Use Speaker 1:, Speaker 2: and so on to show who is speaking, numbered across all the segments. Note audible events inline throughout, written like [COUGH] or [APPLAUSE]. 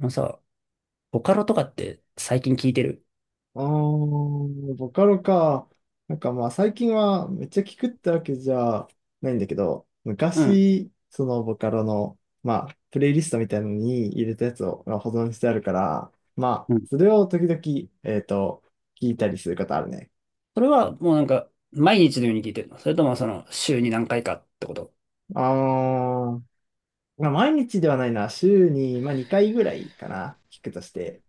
Speaker 1: あのさ、ボカロとかって最近聞いてる？
Speaker 2: ああ、ボカロか。なんかまあ最近はめっちゃ聞くってわけじゃないんだけど、
Speaker 1: うん。
Speaker 2: 昔、そのボカロの、まあ、プレイリストみたいなのに入れたやつをまあ保存してあるから、まあ、
Speaker 1: うん。
Speaker 2: それを時々、えっと、聞いたりすることあるね。
Speaker 1: それはもうなんか毎日のように聞いてるの？それともその週に何回かってこと？
Speaker 2: ああ、まあ毎日ではないな。週に、まあ、2回ぐらいかな。聞くとして。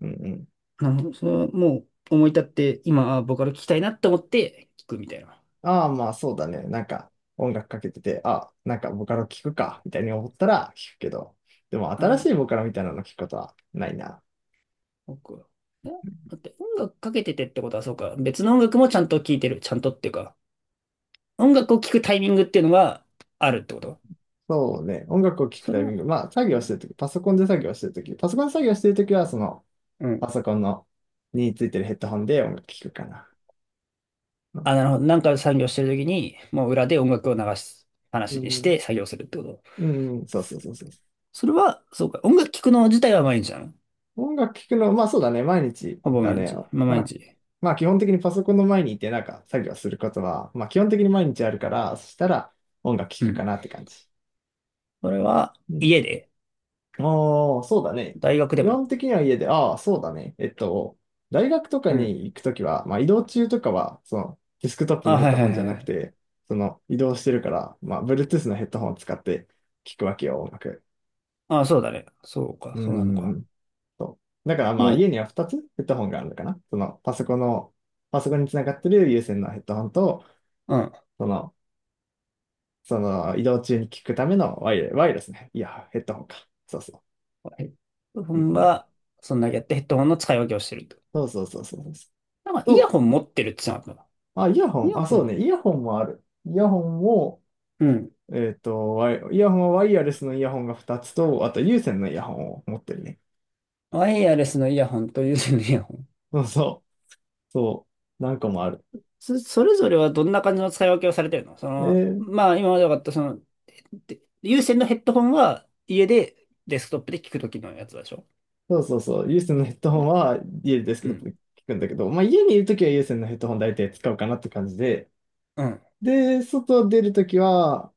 Speaker 2: うん。
Speaker 1: あの、それはもう思い立って今、あ、ボカロ聞きたいなって思って聞くみたいな。
Speaker 2: ああ、まあそうだね。なんか音楽かけてて、あ、なんかボカロ聞くか、みたいに思ったら聞くけど、でも新し
Speaker 1: あ、
Speaker 2: いボカロみたいなの聞くことはないな。
Speaker 1: 僕は。え、だって音楽かけててってことはそうか。別の音楽もちゃんと聞いてる。ちゃんとっていうか、音楽を聞くタイミングっていうのがあるってこと？
Speaker 2: そうね。音楽を聴く
Speaker 1: そ
Speaker 2: タ
Speaker 1: れ
Speaker 2: イミ
Speaker 1: は、
Speaker 2: ング、まあ作
Speaker 1: う
Speaker 2: 業して
Speaker 1: ん、
Speaker 2: るとき、パソコンで作業してるとき、パソコンで作業してるときは、その
Speaker 1: うん。
Speaker 2: パソコンのについてるヘッドホンで音楽聴くかな。うん、
Speaker 1: あ、なるほど。なんか作業してる時に、もう裏で音楽を流す
Speaker 2: う
Speaker 1: 話にし
Speaker 2: ん、
Speaker 1: て作業するってこと？
Speaker 2: うん、そうそうそうそう。
Speaker 1: それは、そうか。音楽聴くの自体は毎日なの？
Speaker 2: 音楽聴くの、まあそうだね、毎日
Speaker 1: ほぼ
Speaker 2: だ
Speaker 1: 毎
Speaker 2: ね。
Speaker 1: 日。まあ、
Speaker 2: ま
Speaker 1: 毎
Speaker 2: あ、
Speaker 1: 日。
Speaker 2: まあ基本的にパソコンの前にいてなんか作業することは、まあ基本的に毎日あるから、そしたら音楽聴
Speaker 1: う
Speaker 2: く
Speaker 1: ん。
Speaker 2: かなって感じ。
Speaker 1: それは、
Speaker 2: うん。
Speaker 1: 家で？
Speaker 2: ああ、そうだね。
Speaker 1: 大学で
Speaker 2: 基
Speaker 1: も？
Speaker 2: 本的には家で、ああ、そうだね。大学とか
Speaker 1: う
Speaker 2: に
Speaker 1: ん。
Speaker 2: 行くときは、まあ移動中とかは、そのデスクトップ
Speaker 1: あ、
Speaker 2: のヘッ
Speaker 1: はい
Speaker 2: ド
Speaker 1: は
Speaker 2: ホンじゃ
Speaker 1: いは
Speaker 2: なく
Speaker 1: い。
Speaker 2: て、その移動してるから、まあ Bluetooth のヘッドホンを使って聴くわけよ、音楽。
Speaker 1: あ、そうだね。そうか、
Speaker 2: う
Speaker 1: そうなのか。
Speaker 2: ん。そう。だからまあ
Speaker 1: で、
Speaker 2: 家には2つヘッドホンがあるのかな。そのパソコンの、パソコンにつながってる有線のヘッドホンと、
Speaker 1: うん。
Speaker 2: その、その移動中に聞くためのワイヤレスね。いや、ヘッドホンか。そうそ
Speaker 1: ヘッドホ
Speaker 2: う。うん
Speaker 1: ン
Speaker 2: うん、
Speaker 1: が、そんだけやってヘッドホンの使い分けをしてると。
Speaker 2: そうそうそうそうそ
Speaker 1: なん
Speaker 2: う。
Speaker 1: か、イヤ
Speaker 2: と、
Speaker 1: ホン持ってるって言ってなかっ
Speaker 2: あ、イヤホ
Speaker 1: た？イ
Speaker 2: ン。
Speaker 1: ヤ
Speaker 2: あ、
Speaker 1: ホ
Speaker 2: そう
Speaker 1: ン。
Speaker 2: ね。イヤホンもある。イヤホンも、
Speaker 1: うん。
Speaker 2: えっと、イヤホンはワイヤレスのイヤホンが2つと、あと有線のイヤホンを持ってるね。
Speaker 1: ワイヤレスのイヤホンと有線のイヤホン。
Speaker 2: そうそう。そう。何個もある。
Speaker 1: それぞれはどんな感じの使い分けをされてるの？そ
Speaker 2: え
Speaker 1: の、
Speaker 2: ー
Speaker 1: まあ、今まで分かった、その、で、有線のヘッドホンは家でデスクトップで聞くときのやつでしょ？
Speaker 2: そうそうそう、有線のヘッドホン
Speaker 1: ね。
Speaker 2: は家ですけ
Speaker 1: う
Speaker 2: ど、
Speaker 1: ん。
Speaker 2: 聞くんだけど、まあ家にいるときは有線のヘッドホン大体使うかなって感じで、
Speaker 1: うん。
Speaker 2: で、外出るときは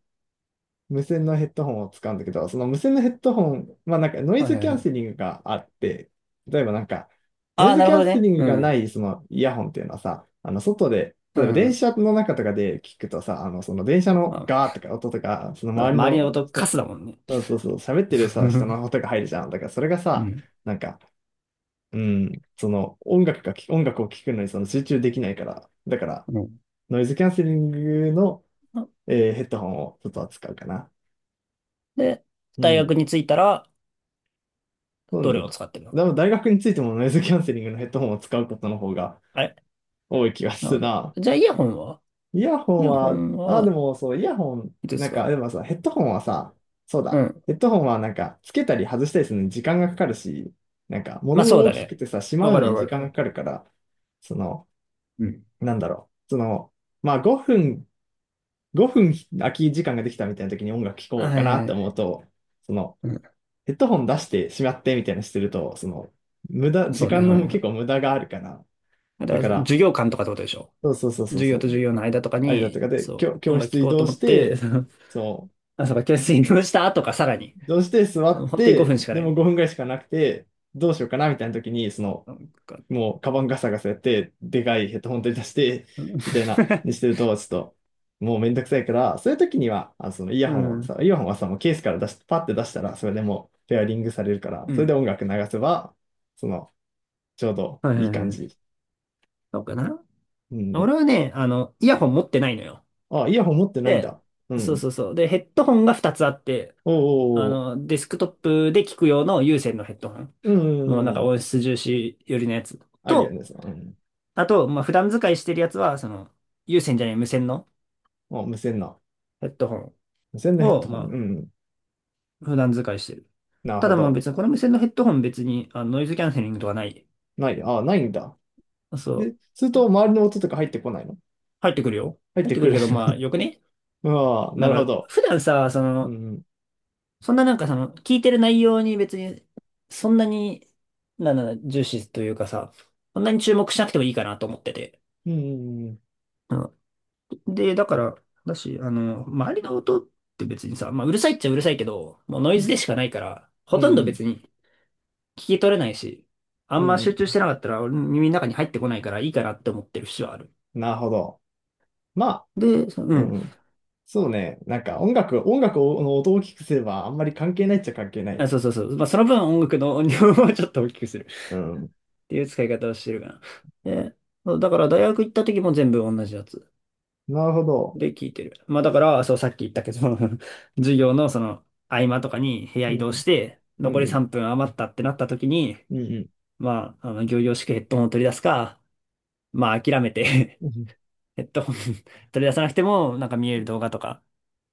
Speaker 2: 無線のヘッドホンを使うんだけど、その無線のヘッドホン、まあなんかノイ
Speaker 1: はい
Speaker 2: ズ
Speaker 1: は
Speaker 2: キ
Speaker 1: い
Speaker 2: ャ
Speaker 1: は
Speaker 2: ン
Speaker 1: い。
Speaker 2: セリングがあって、例えばなんか、ノ
Speaker 1: あ
Speaker 2: イ
Speaker 1: あ、
Speaker 2: ズ
Speaker 1: な
Speaker 2: キ
Speaker 1: るほ
Speaker 2: ャン
Speaker 1: ど
Speaker 2: セ
Speaker 1: ね。
Speaker 2: リング
Speaker 1: う
Speaker 2: がな
Speaker 1: ん。
Speaker 2: いそのイヤホンっていうのはさ、あの外で、
Speaker 1: う
Speaker 2: 例えば電
Speaker 1: ん。
Speaker 2: 車の中とかで聞くとさ、あのその電車
Speaker 1: ま
Speaker 2: のガー
Speaker 1: あ、
Speaker 2: とか音とか、その
Speaker 1: そうね、
Speaker 2: 周り
Speaker 1: 周りの
Speaker 2: の
Speaker 1: 音カ
Speaker 2: 人、
Speaker 1: スだもんね。
Speaker 2: そうそうそう、喋ってる
Speaker 1: [LAUGHS] う
Speaker 2: さ、人の
Speaker 1: ん。
Speaker 2: 音が入るじゃん。だからそれが
Speaker 1: う
Speaker 2: さ、
Speaker 1: ん。
Speaker 2: なんか、うん、その音楽を聴くのにその集中できないから、だからノイズキャンセリングの、えーヘッドホンをちょっと扱うかな。
Speaker 1: で、
Speaker 2: う
Speaker 1: 大
Speaker 2: ん。
Speaker 1: 学に着いたら、
Speaker 2: そう
Speaker 1: どれを
Speaker 2: ね。
Speaker 1: 使ってるの？
Speaker 2: でも大学についてもノイズキャンセリングのヘッドホンを使うことの方が
Speaker 1: あれ？
Speaker 2: 多い気が
Speaker 1: なる
Speaker 2: す
Speaker 1: ほ
Speaker 2: る
Speaker 1: ど。
Speaker 2: な。
Speaker 1: じゃあ、イヤホンは
Speaker 2: イヤ
Speaker 1: イ
Speaker 2: ホン
Speaker 1: ヤホ
Speaker 2: は、
Speaker 1: ン
Speaker 2: あ、で
Speaker 1: は、
Speaker 2: もそう、イヤホン、
Speaker 1: いつで
Speaker 2: な
Speaker 1: す
Speaker 2: んか、
Speaker 1: か？
Speaker 2: でもさ、ヘッドホンはさ、そう
Speaker 1: う
Speaker 2: だ、
Speaker 1: ん。
Speaker 2: ヘッドホンはなんか、つけたり外したりするのに時間がかかるし、なんか、
Speaker 1: ま
Speaker 2: 物
Speaker 1: あ、そ
Speaker 2: も
Speaker 1: う
Speaker 2: 大
Speaker 1: だ
Speaker 2: きく
Speaker 1: ね。
Speaker 2: てさ、しま
Speaker 1: わ
Speaker 2: う
Speaker 1: か
Speaker 2: の
Speaker 1: る
Speaker 2: に時
Speaker 1: わか
Speaker 2: 間が
Speaker 1: る。
Speaker 2: かかるから、その、
Speaker 1: うん。
Speaker 2: なんだろう、その、まあ5分空き時間ができたみたいな時に音楽聴
Speaker 1: は
Speaker 2: こうか
Speaker 1: い
Speaker 2: な
Speaker 1: はい
Speaker 2: っ
Speaker 1: は
Speaker 2: て思う
Speaker 1: い。
Speaker 2: と、その、
Speaker 1: うん。
Speaker 2: ヘッドホン出してしまってみたいなのしてると、その、無駄、
Speaker 1: そ
Speaker 2: 時
Speaker 1: うね、
Speaker 2: 間
Speaker 1: はい
Speaker 2: の
Speaker 1: は
Speaker 2: 結構
Speaker 1: い。
Speaker 2: 無駄があるから、
Speaker 1: だか
Speaker 2: だ
Speaker 1: ら、
Speaker 2: から、
Speaker 1: 授業観とかってことでしょ？
Speaker 2: そうそうそうそう
Speaker 1: 授業
Speaker 2: そ
Speaker 1: と
Speaker 2: う、
Speaker 1: 授業の間とか
Speaker 2: 間と
Speaker 1: に、
Speaker 2: かで、
Speaker 1: そう、音
Speaker 2: 教
Speaker 1: 楽
Speaker 2: 室
Speaker 1: 聴
Speaker 2: 移
Speaker 1: こうと
Speaker 2: 動
Speaker 1: 思
Speaker 2: し
Speaker 1: って、[LAUGHS]
Speaker 2: て、
Speaker 1: その、
Speaker 2: そ
Speaker 1: あ、そうか、教室に移動したとかさらに、
Speaker 2: う、移動して座っ
Speaker 1: 本当に5
Speaker 2: て、
Speaker 1: 分しか
Speaker 2: で
Speaker 1: な
Speaker 2: も
Speaker 1: い。
Speaker 2: 5分ぐらいしかなくて、どうしようかなみたいな時に、その、
Speaker 1: なんか、
Speaker 2: もう、カバンガサガサやって、でかいヘッドホン取り出して、み
Speaker 1: [LAUGHS]
Speaker 2: たいな、にしてると、ちょっと、もうめんどくさいから、そういう時には、あ、そのイ
Speaker 1: う
Speaker 2: ヤホンを
Speaker 1: ん、
Speaker 2: さ、イヤホンはさ、もうケースから出し、パッて出したら、それでもう、ペアリングされるから、
Speaker 1: う
Speaker 2: それで
Speaker 1: ん。
Speaker 2: 音楽流せば、その、ちょうど
Speaker 1: はい
Speaker 2: いい
Speaker 1: はい
Speaker 2: 感
Speaker 1: はい。
Speaker 2: じ。
Speaker 1: そうかな。
Speaker 2: うん。
Speaker 1: 俺はね、あの、イヤホン持ってないのよ。
Speaker 2: あ、イヤホン持ってないん
Speaker 1: で、
Speaker 2: だ。う
Speaker 1: そう
Speaker 2: ん。
Speaker 1: そうそう。で、ヘッドホンが2つあって、あ
Speaker 2: おー、
Speaker 1: の、デスクトップで聞く用の有線のヘッドホン。
Speaker 2: う
Speaker 1: もう
Speaker 2: ん、う
Speaker 1: なんか
Speaker 2: ん。
Speaker 1: 音質重視寄りのやつ。
Speaker 2: あるよ
Speaker 1: と、
Speaker 2: ね、そのうん。
Speaker 1: あと、まあ、普段使いしてるやつは、その、有線じゃない無線の
Speaker 2: あ、無線な。
Speaker 1: ヘッドホン
Speaker 2: 無線のヘッ
Speaker 1: を、
Speaker 2: ドホン。う
Speaker 1: ま
Speaker 2: ん。
Speaker 1: あ、普段使いしてる。
Speaker 2: なる
Speaker 1: た
Speaker 2: ほ
Speaker 1: だまあ
Speaker 2: ど。
Speaker 1: 別に、この無線のヘッドホン別にあのノイズキャンセリングとかない。
Speaker 2: ない。あ、ないんだ。
Speaker 1: そ
Speaker 2: で、
Speaker 1: う。
Speaker 2: すると、周りの音とか入ってこないの
Speaker 1: 入ってくるよ。
Speaker 2: 入っ
Speaker 1: 入っ
Speaker 2: て
Speaker 1: てく
Speaker 2: く
Speaker 1: る
Speaker 2: る。
Speaker 1: けど、まあ
Speaker 2: [LAUGHS]
Speaker 1: よくね。
Speaker 2: ああ、な
Speaker 1: なん
Speaker 2: るほ
Speaker 1: か、
Speaker 2: ど。
Speaker 1: 普段さ、そ
Speaker 2: う
Speaker 1: の、
Speaker 2: ん、
Speaker 1: そんななんかその、聞いてる内容に別に、そんなに、なんだろうな、重視というかさ、そんなに注目しなくてもいいかなと思ってて。
Speaker 2: うん、うん、
Speaker 1: うん、で、だから、だし、あの、周りの音って別にさ、まあうるさいっちゃうるさいけど、もうノ
Speaker 2: う
Speaker 1: イズ
Speaker 2: ん、
Speaker 1: でしかないから、ほ
Speaker 2: う
Speaker 1: とんど別
Speaker 2: ん、
Speaker 1: に聞き取れないし、あ
Speaker 2: うん、う
Speaker 1: んま集
Speaker 2: ん。
Speaker 1: 中してなかったら俺の耳の中に入ってこないからいいかなって思ってる節はある。
Speaker 2: なるほど。まあ、
Speaker 1: で、そう
Speaker 2: うん、
Speaker 1: ん。
Speaker 2: うん。そうね。なんか音楽の音を大きくすればあんまり関係ないっちゃ関係ない。
Speaker 1: あ、そうそうそう。まあ、その分音楽の音量を [LAUGHS] ちょっと大きくするっ
Speaker 2: うん、
Speaker 1: ていう使い方をしてるかな。で、そうだから大学行った時も全部同じやつ
Speaker 2: なるほど。
Speaker 1: で聞いてる。まあ、だから、そう、さっき言ったけど [LAUGHS] 授業のその合間とかに部屋
Speaker 2: う
Speaker 1: 移動
Speaker 2: ん、
Speaker 1: して、
Speaker 2: う
Speaker 1: 残
Speaker 2: ん、
Speaker 1: り
Speaker 2: うん、
Speaker 1: 3分余ったってなった時に、
Speaker 2: うん、
Speaker 1: まあ、あの、仰々しくヘッドホンを取り出すか、まあ、諦めて [LAUGHS]
Speaker 2: うんうん。
Speaker 1: ヘッドホン [LAUGHS] 取り出さなくても、なんか見える動画とか、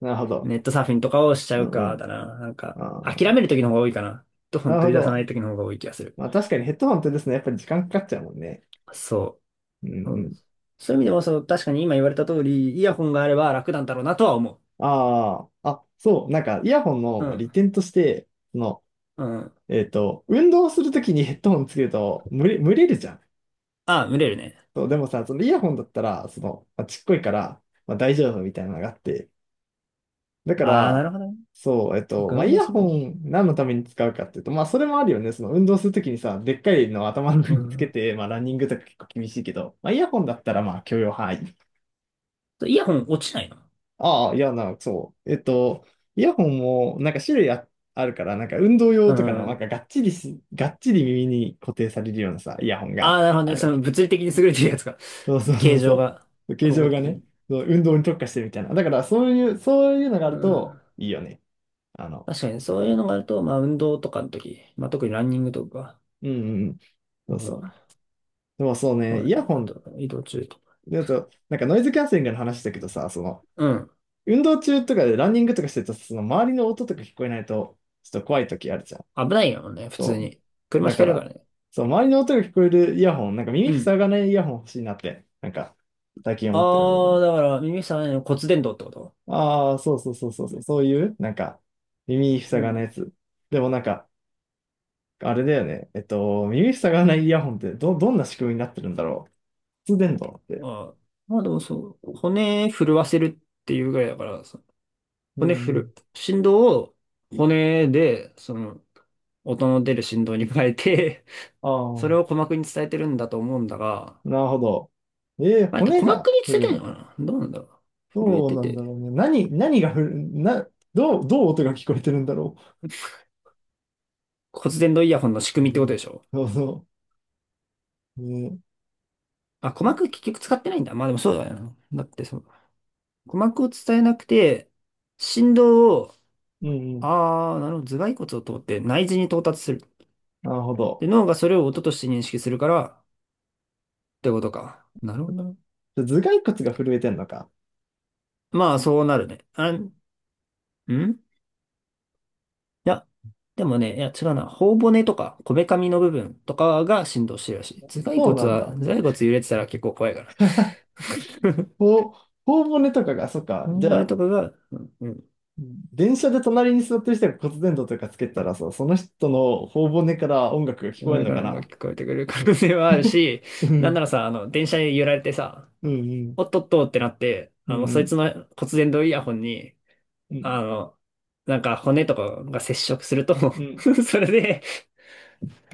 Speaker 2: なるほど。
Speaker 1: ネットサーフィンとかをしちゃ
Speaker 2: う
Speaker 1: う
Speaker 2: ん、う
Speaker 1: か、
Speaker 2: ん、
Speaker 1: だな。なんか、
Speaker 2: あ
Speaker 1: 諦め
Speaker 2: あ、
Speaker 1: る時の方が多いかな。ヘッドホ
Speaker 2: な
Speaker 1: ン
Speaker 2: るほ
Speaker 1: 取り出さない
Speaker 2: ど。
Speaker 1: 時の方が多い気がする。
Speaker 2: まあ確かにヘッドホンってですね、やっぱり時間かかっちゃうもんね。
Speaker 1: そ
Speaker 2: うん、
Speaker 1: う。う
Speaker 2: う
Speaker 1: ん、
Speaker 2: ん。
Speaker 1: そういう意味でも、その、確かに今言われた通り、イヤホンがあれば楽なんだろうなとは思
Speaker 2: ああ、あ、そう、なんかイヤホン
Speaker 1: う。
Speaker 2: の
Speaker 1: う
Speaker 2: まあ利
Speaker 1: ん。
Speaker 2: 点として、その
Speaker 1: うん。
Speaker 2: えっと、運動するときにヘッドホンつけると、蒸れるじゃん。
Speaker 1: ああ、群れるね。
Speaker 2: そう、でもさ、そのイヤホンだったら、その、まあ、ちっこいから、まあ、大丈夫みたいなのがあって。だか
Speaker 1: ああ、な
Speaker 2: ら、
Speaker 1: るほどね。
Speaker 2: そう、えっと、まあ、
Speaker 1: 運
Speaker 2: イ
Speaker 1: 動
Speaker 2: ヤ
Speaker 1: するべ
Speaker 2: ホ
Speaker 1: き。
Speaker 2: ン何のために使うかっていうと、まあ、それもあるよね。その運動するときにさ、でっかいのを頭の
Speaker 1: う
Speaker 2: 上につけ
Speaker 1: ん。
Speaker 2: て、まあ、ランニングとか結構厳しいけど、まあ、イヤホンだったら、まあ、許容範囲。
Speaker 1: イヤホン落ちないの？
Speaker 2: ああ、いや、な、そう。えっと、イヤホンも、なんか種類あ、あるから、なんか運動
Speaker 1: う
Speaker 2: 用とかの、なん
Speaker 1: ん。
Speaker 2: かがっちり耳に固定されるようなさ、イヤホン
Speaker 1: あ
Speaker 2: が、
Speaker 1: あ、なるほど
Speaker 2: あ
Speaker 1: ね。
Speaker 2: る
Speaker 1: そ
Speaker 2: わけ
Speaker 1: の
Speaker 2: よ。
Speaker 1: 物理的に優れてるやつが、
Speaker 2: そうそうそう
Speaker 1: 形状
Speaker 2: そ
Speaker 1: が、
Speaker 2: う。形
Speaker 1: 工
Speaker 2: 状
Speaker 1: 学
Speaker 2: が
Speaker 1: 的
Speaker 2: ね、
Speaker 1: に。
Speaker 2: そう運動に特化してるみたいな。だからそういう、そういうのがあ
Speaker 1: う
Speaker 2: る
Speaker 1: ん。
Speaker 2: といいよね。あの、
Speaker 1: 確かに、そういうのがあると、まあ、運動とかの時、まあ、特にランニングとか、
Speaker 2: うんうんうん。そ
Speaker 1: う
Speaker 2: うそ
Speaker 1: ん。
Speaker 2: う。でもそう
Speaker 1: そう
Speaker 2: ね、イ
Speaker 1: ね。
Speaker 2: ヤホ
Speaker 1: あ
Speaker 2: ン、
Speaker 1: と、移動中とか。
Speaker 2: だと、なんかノイズキャンセリングの話だけどさ、その、
Speaker 1: うん。
Speaker 2: 運動中とかでランニングとかしてると、その周りの音とか聞こえないと、ちょっと怖い時あるじゃん。
Speaker 1: 危ないよね、普通
Speaker 2: そ
Speaker 1: に。
Speaker 2: う。
Speaker 1: 車
Speaker 2: だ
Speaker 1: ひか
Speaker 2: か
Speaker 1: れるか
Speaker 2: ら、
Speaker 1: らね。
Speaker 2: そう、周りの音が聞こえるイヤホン、なんか
Speaker 1: う
Speaker 2: 耳
Speaker 1: ん。
Speaker 2: 塞がないイヤホン欲しいなって、なんか、最近思ってるので
Speaker 1: あ
Speaker 2: ね。
Speaker 1: あ、だから、耳さんの骨伝導ってこと？
Speaker 2: ああ、そうそうそうそうそう、そういう、なんか、耳
Speaker 1: う
Speaker 2: 塞がない
Speaker 1: ん。
Speaker 2: やつ。でもなんか、あれだよね。えっと、耳塞がないイヤホンってどんな仕組みになってるんだろう。骨伝導って。
Speaker 1: ああ。まあでもそう、骨震わせるっていうぐらいだから、そ
Speaker 2: う
Speaker 1: 骨
Speaker 2: ん
Speaker 1: 振
Speaker 2: うん。
Speaker 1: る、振動を骨で、その、音の出る振動に変えて、[LAUGHS]
Speaker 2: ああ、
Speaker 1: それを鼓膜に伝えてるんだと思うんだが、
Speaker 2: なるほど。えー、
Speaker 1: まあれって
Speaker 2: 骨
Speaker 1: 鼓膜
Speaker 2: が
Speaker 1: に
Speaker 2: 振
Speaker 1: 伝えて
Speaker 2: るの
Speaker 1: るのか
Speaker 2: か。
Speaker 1: な、どうなんだろう。震え
Speaker 2: どう
Speaker 1: て
Speaker 2: なんだ
Speaker 1: て、
Speaker 2: ろうね。何が振る、な、どう音が聞こえてるんだろ
Speaker 1: 骨伝導イヤホンの仕組
Speaker 2: う。
Speaker 1: みっ
Speaker 2: う
Speaker 1: てこと
Speaker 2: ん
Speaker 1: でしょ？
Speaker 2: そうそう。ね、
Speaker 1: あ、鼓膜結局使ってないんだ。まあでもそうだよな。だってそう、鼓膜を伝えなくて、振動を
Speaker 2: うんうん。
Speaker 1: ああ、なるほど。頭蓋骨を通って内耳に到達する。
Speaker 2: なるほど。
Speaker 1: で、脳がそれを音として認識するからってことか。なるほど。
Speaker 2: 頭蓋骨が震えてんのか。
Speaker 1: まあ、そうなるね。いや、でもね、いや、違うな。頬骨とか、こめかみの部分とかが振動してるらしい。頭蓋
Speaker 2: そう
Speaker 1: 骨
Speaker 2: なん
Speaker 1: は、頭
Speaker 2: だ。
Speaker 1: 蓋骨揺れてたら結構怖いから。[LAUGHS]
Speaker 2: ほ頬骨とかが、そっか。じ
Speaker 1: 頬
Speaker 2: ゃ
Speaker 1: 骨
Speaker 2: あ、
Speaker 1: とかが、うんうん。
Speaker 2: 電車で隣に座ってる人が骨伝導とかつけたらさ、その人の頬骨から音楽が聞こ
Speaker 1: こ
Speaker 2: える
Speaker 1: れ
Speaker 2: の
Speaker 1: か
Speaker 2: か
Speaker 1: ら音が
Speaker 2: な。
Speaker 1: 聞こえてくる可能性はあるし、
Speaker 2: う
Speaker 1: なん
Speaker 2: ん、
Speaker 1: ならさ、あの、電車に揺られてさ、
Speaker 2: うん、
Speaker 1: おっとっとってなって、
Speaker 2: う
Speaker 1: あの、
Speaker 2: ん、
Speaker 1: そ
Speaker 2: う
Speaker 1: い
Speaker 2: ん、
Speaker 1: つの骨伝導イヤホンに、
Speaker 2: うん、
Speaker 1: あの、なんか骨とかが接触すると
Speaker 2: う
Speaker 1: [LAUGHS]
Speaker 2: ん、
Speaker 1: それで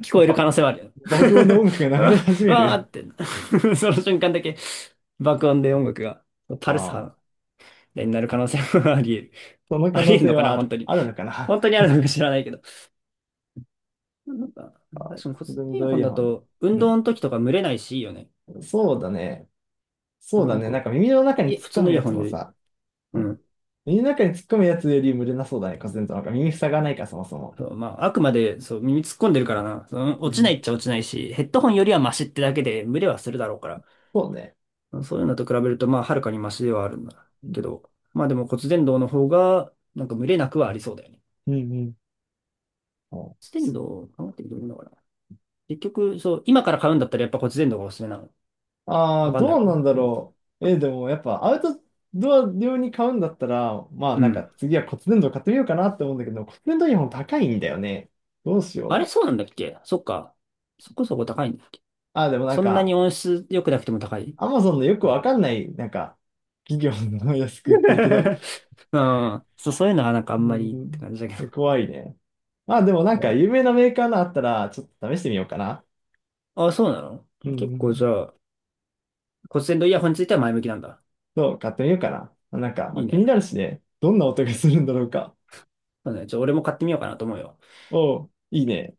Speaker 1: 聞こえる可
Speaker 2: ば、
Speaker 1: 能性はあるよ。
Speaker 2: 爆音で
Speaker 1: [LAUGHS]
Speaker 2: 音楽が流れ
Speaker 1: あ
Speaker 2: 始め
Speaker 1: あー
Speaker 2: る。
Speaker 1: って [LAUGHS] その瞬間だけ爆音で音楽がパルス
Speaker 2: あ
Speaker 1: 波
Speaker 2: あ、
Speaker 1: になる可能性もあり得る。
Speaker 2: その
Speaker 1: あ
Speaker 2: 可
Speaker 1: り得
Speaker 2: 能
Speaker 1: る
Speaker 2: 性
Speaker 1: のか
Speaker 2: は
Speaker 1: な、本当に。
Speaker 2: あるのかな。
Speaker 1: 本当にあるのか知らないけど。なんか、確かに骨
Speaker 2: 骨伝
Speaker 1: 伝イヤ
Speaker 2: 導
Speaker 1: ホ
Speaker 2: イ
Speaker 1: ン
Speaker 2: ヤ
Speaker 1: だ
Speaker 2: ホン。
Speaker 1: と運
Speaker 2: う
Speaker 1: 動の時とか蒸れないし、いいよね。
Speaker 2: ん、そうだね。そう
Speaker 1: な
Speaker 2: だ
Speaker 1: ん
Speaker 2: ね。な
Speaker 1: か、
Speaker 2: んか耳の中に
Speaker 1: いえ、
Speaker 2: 突
Speaker 1: 普
Speaker 2: っ込
Speaker 1: 通の
Speaker 2: む
Speaker 1: イヤ
Speaker 2: や
Speaker 1: ホ
Speaker 2: つ
Speaker 1: ンよ
Speaker 2: も
Speaker 1: り。
Speaker 2: さ、う
Speaker 1: う
Speaker 2: ん、
Speaker 1: ん。
Speaker 2: 耳の中に突っ込むやつより無理なそうだね。骨伝導なんか耳塞がないからそもそも。
Speaker 1: そう、まあ、あくまで、そう、耳突っ込んでるからな。その
Speaker 2: う
Speaker 1: 落ちない
Speaker 2: ん、
Speaker 1: っちゃ落ちないし、ヘッドホンよりはマシってだけで、蒸れはするだろうから。
Speaker 2: そうね。
Speaker 1: そういうのと比べると、まあ、はるかにマシではあるんだ
Speaker 2: うん、
Speaker 1: けど、まあでも骨伝導の方が、なんか群れなくはありそうだよね。
Speaker 2: うん、うん。
Speaker 1: 骨伝導を考えてどういのかな。結局、そう、今から買うんだったらやっぱ骨伝導がおすすめなの？
Speaker 2: あ
Speaker 1: わ
Speaker 2: あ、
Speaker 1: かんな
Speaker 2: ど
Speaker 1: い
Speaker 2: う
Speaker 1: か
Speaker 2: なん
Speaker 1: な。
Speaker 2: だ
Speaker 1: うん。
Speaker 2: ろう。えーでもやっぱアウトドア用に買うんだったら、まあ
Speaker 1: う
Speaker 2: なんか
Speaker 1: ん。
Speaker 2: 次は骨伝導買ってみようかなって思うんだけど、骨伝導イヤホン高いんだよね。どうし
Speaker 1: あれ、
Speaker 2: よう。
Speaker 1: そうなんだっけ？そっか。そこそこ高いんだっけ？
Speaker 2: ああ、でもなん
Speaker 1: そんなに
Speaker 2: か、
Speaker 1: 音質良くなくても高い？
Speaker 2: アマゾンのよ
Speaker 1: [LAUGHS]
Speaker 2: くわ
Speaker 1: う
Speaker 2: かんない、なんか、企業の安く売ってるけど、
Speaker 1: ん。そう、そういうのはなんかあんまりって
Speaker 2: う
Speaker 1: 感じだ
Speaker 2: ん、
Speaker 1: け
Speaker 2: 怖いね。まあでもなん
Speaker 1: ど。は
Speaker 2: か有
Speaker 1: い。
Speaker 2: 名なメーカーのあったら、ちょっと試してみようかな。
Speaker 1: あ、そうなの？
Speaker 2: うん、
Speaker 1: 結
Speaker 2: う
Speaker 1: 構じ
Speaker 2: ん。
Speaker 1: ゃあ、骨伝導イヤホンについては前向きなんだ？
Speaker 2: そう、買ってみようかな。なんか、ま
Speaker 1: い
Speaker 2: あ、
Speaker 1: い
Speaker 2: 気に
Speaker 1: ね。
Speaker 2: なるしね、どんな
Speaker 1: うん、
Speaker 2: 音が
Speaker 1: なん
Speaker 2: す
Speaker 1: か
Speaker 2: るんだろうか。
Speaker 1: そうね、じゃあ俺も買ってみようかなと思うよ。
Speaker 2: おう、いいね。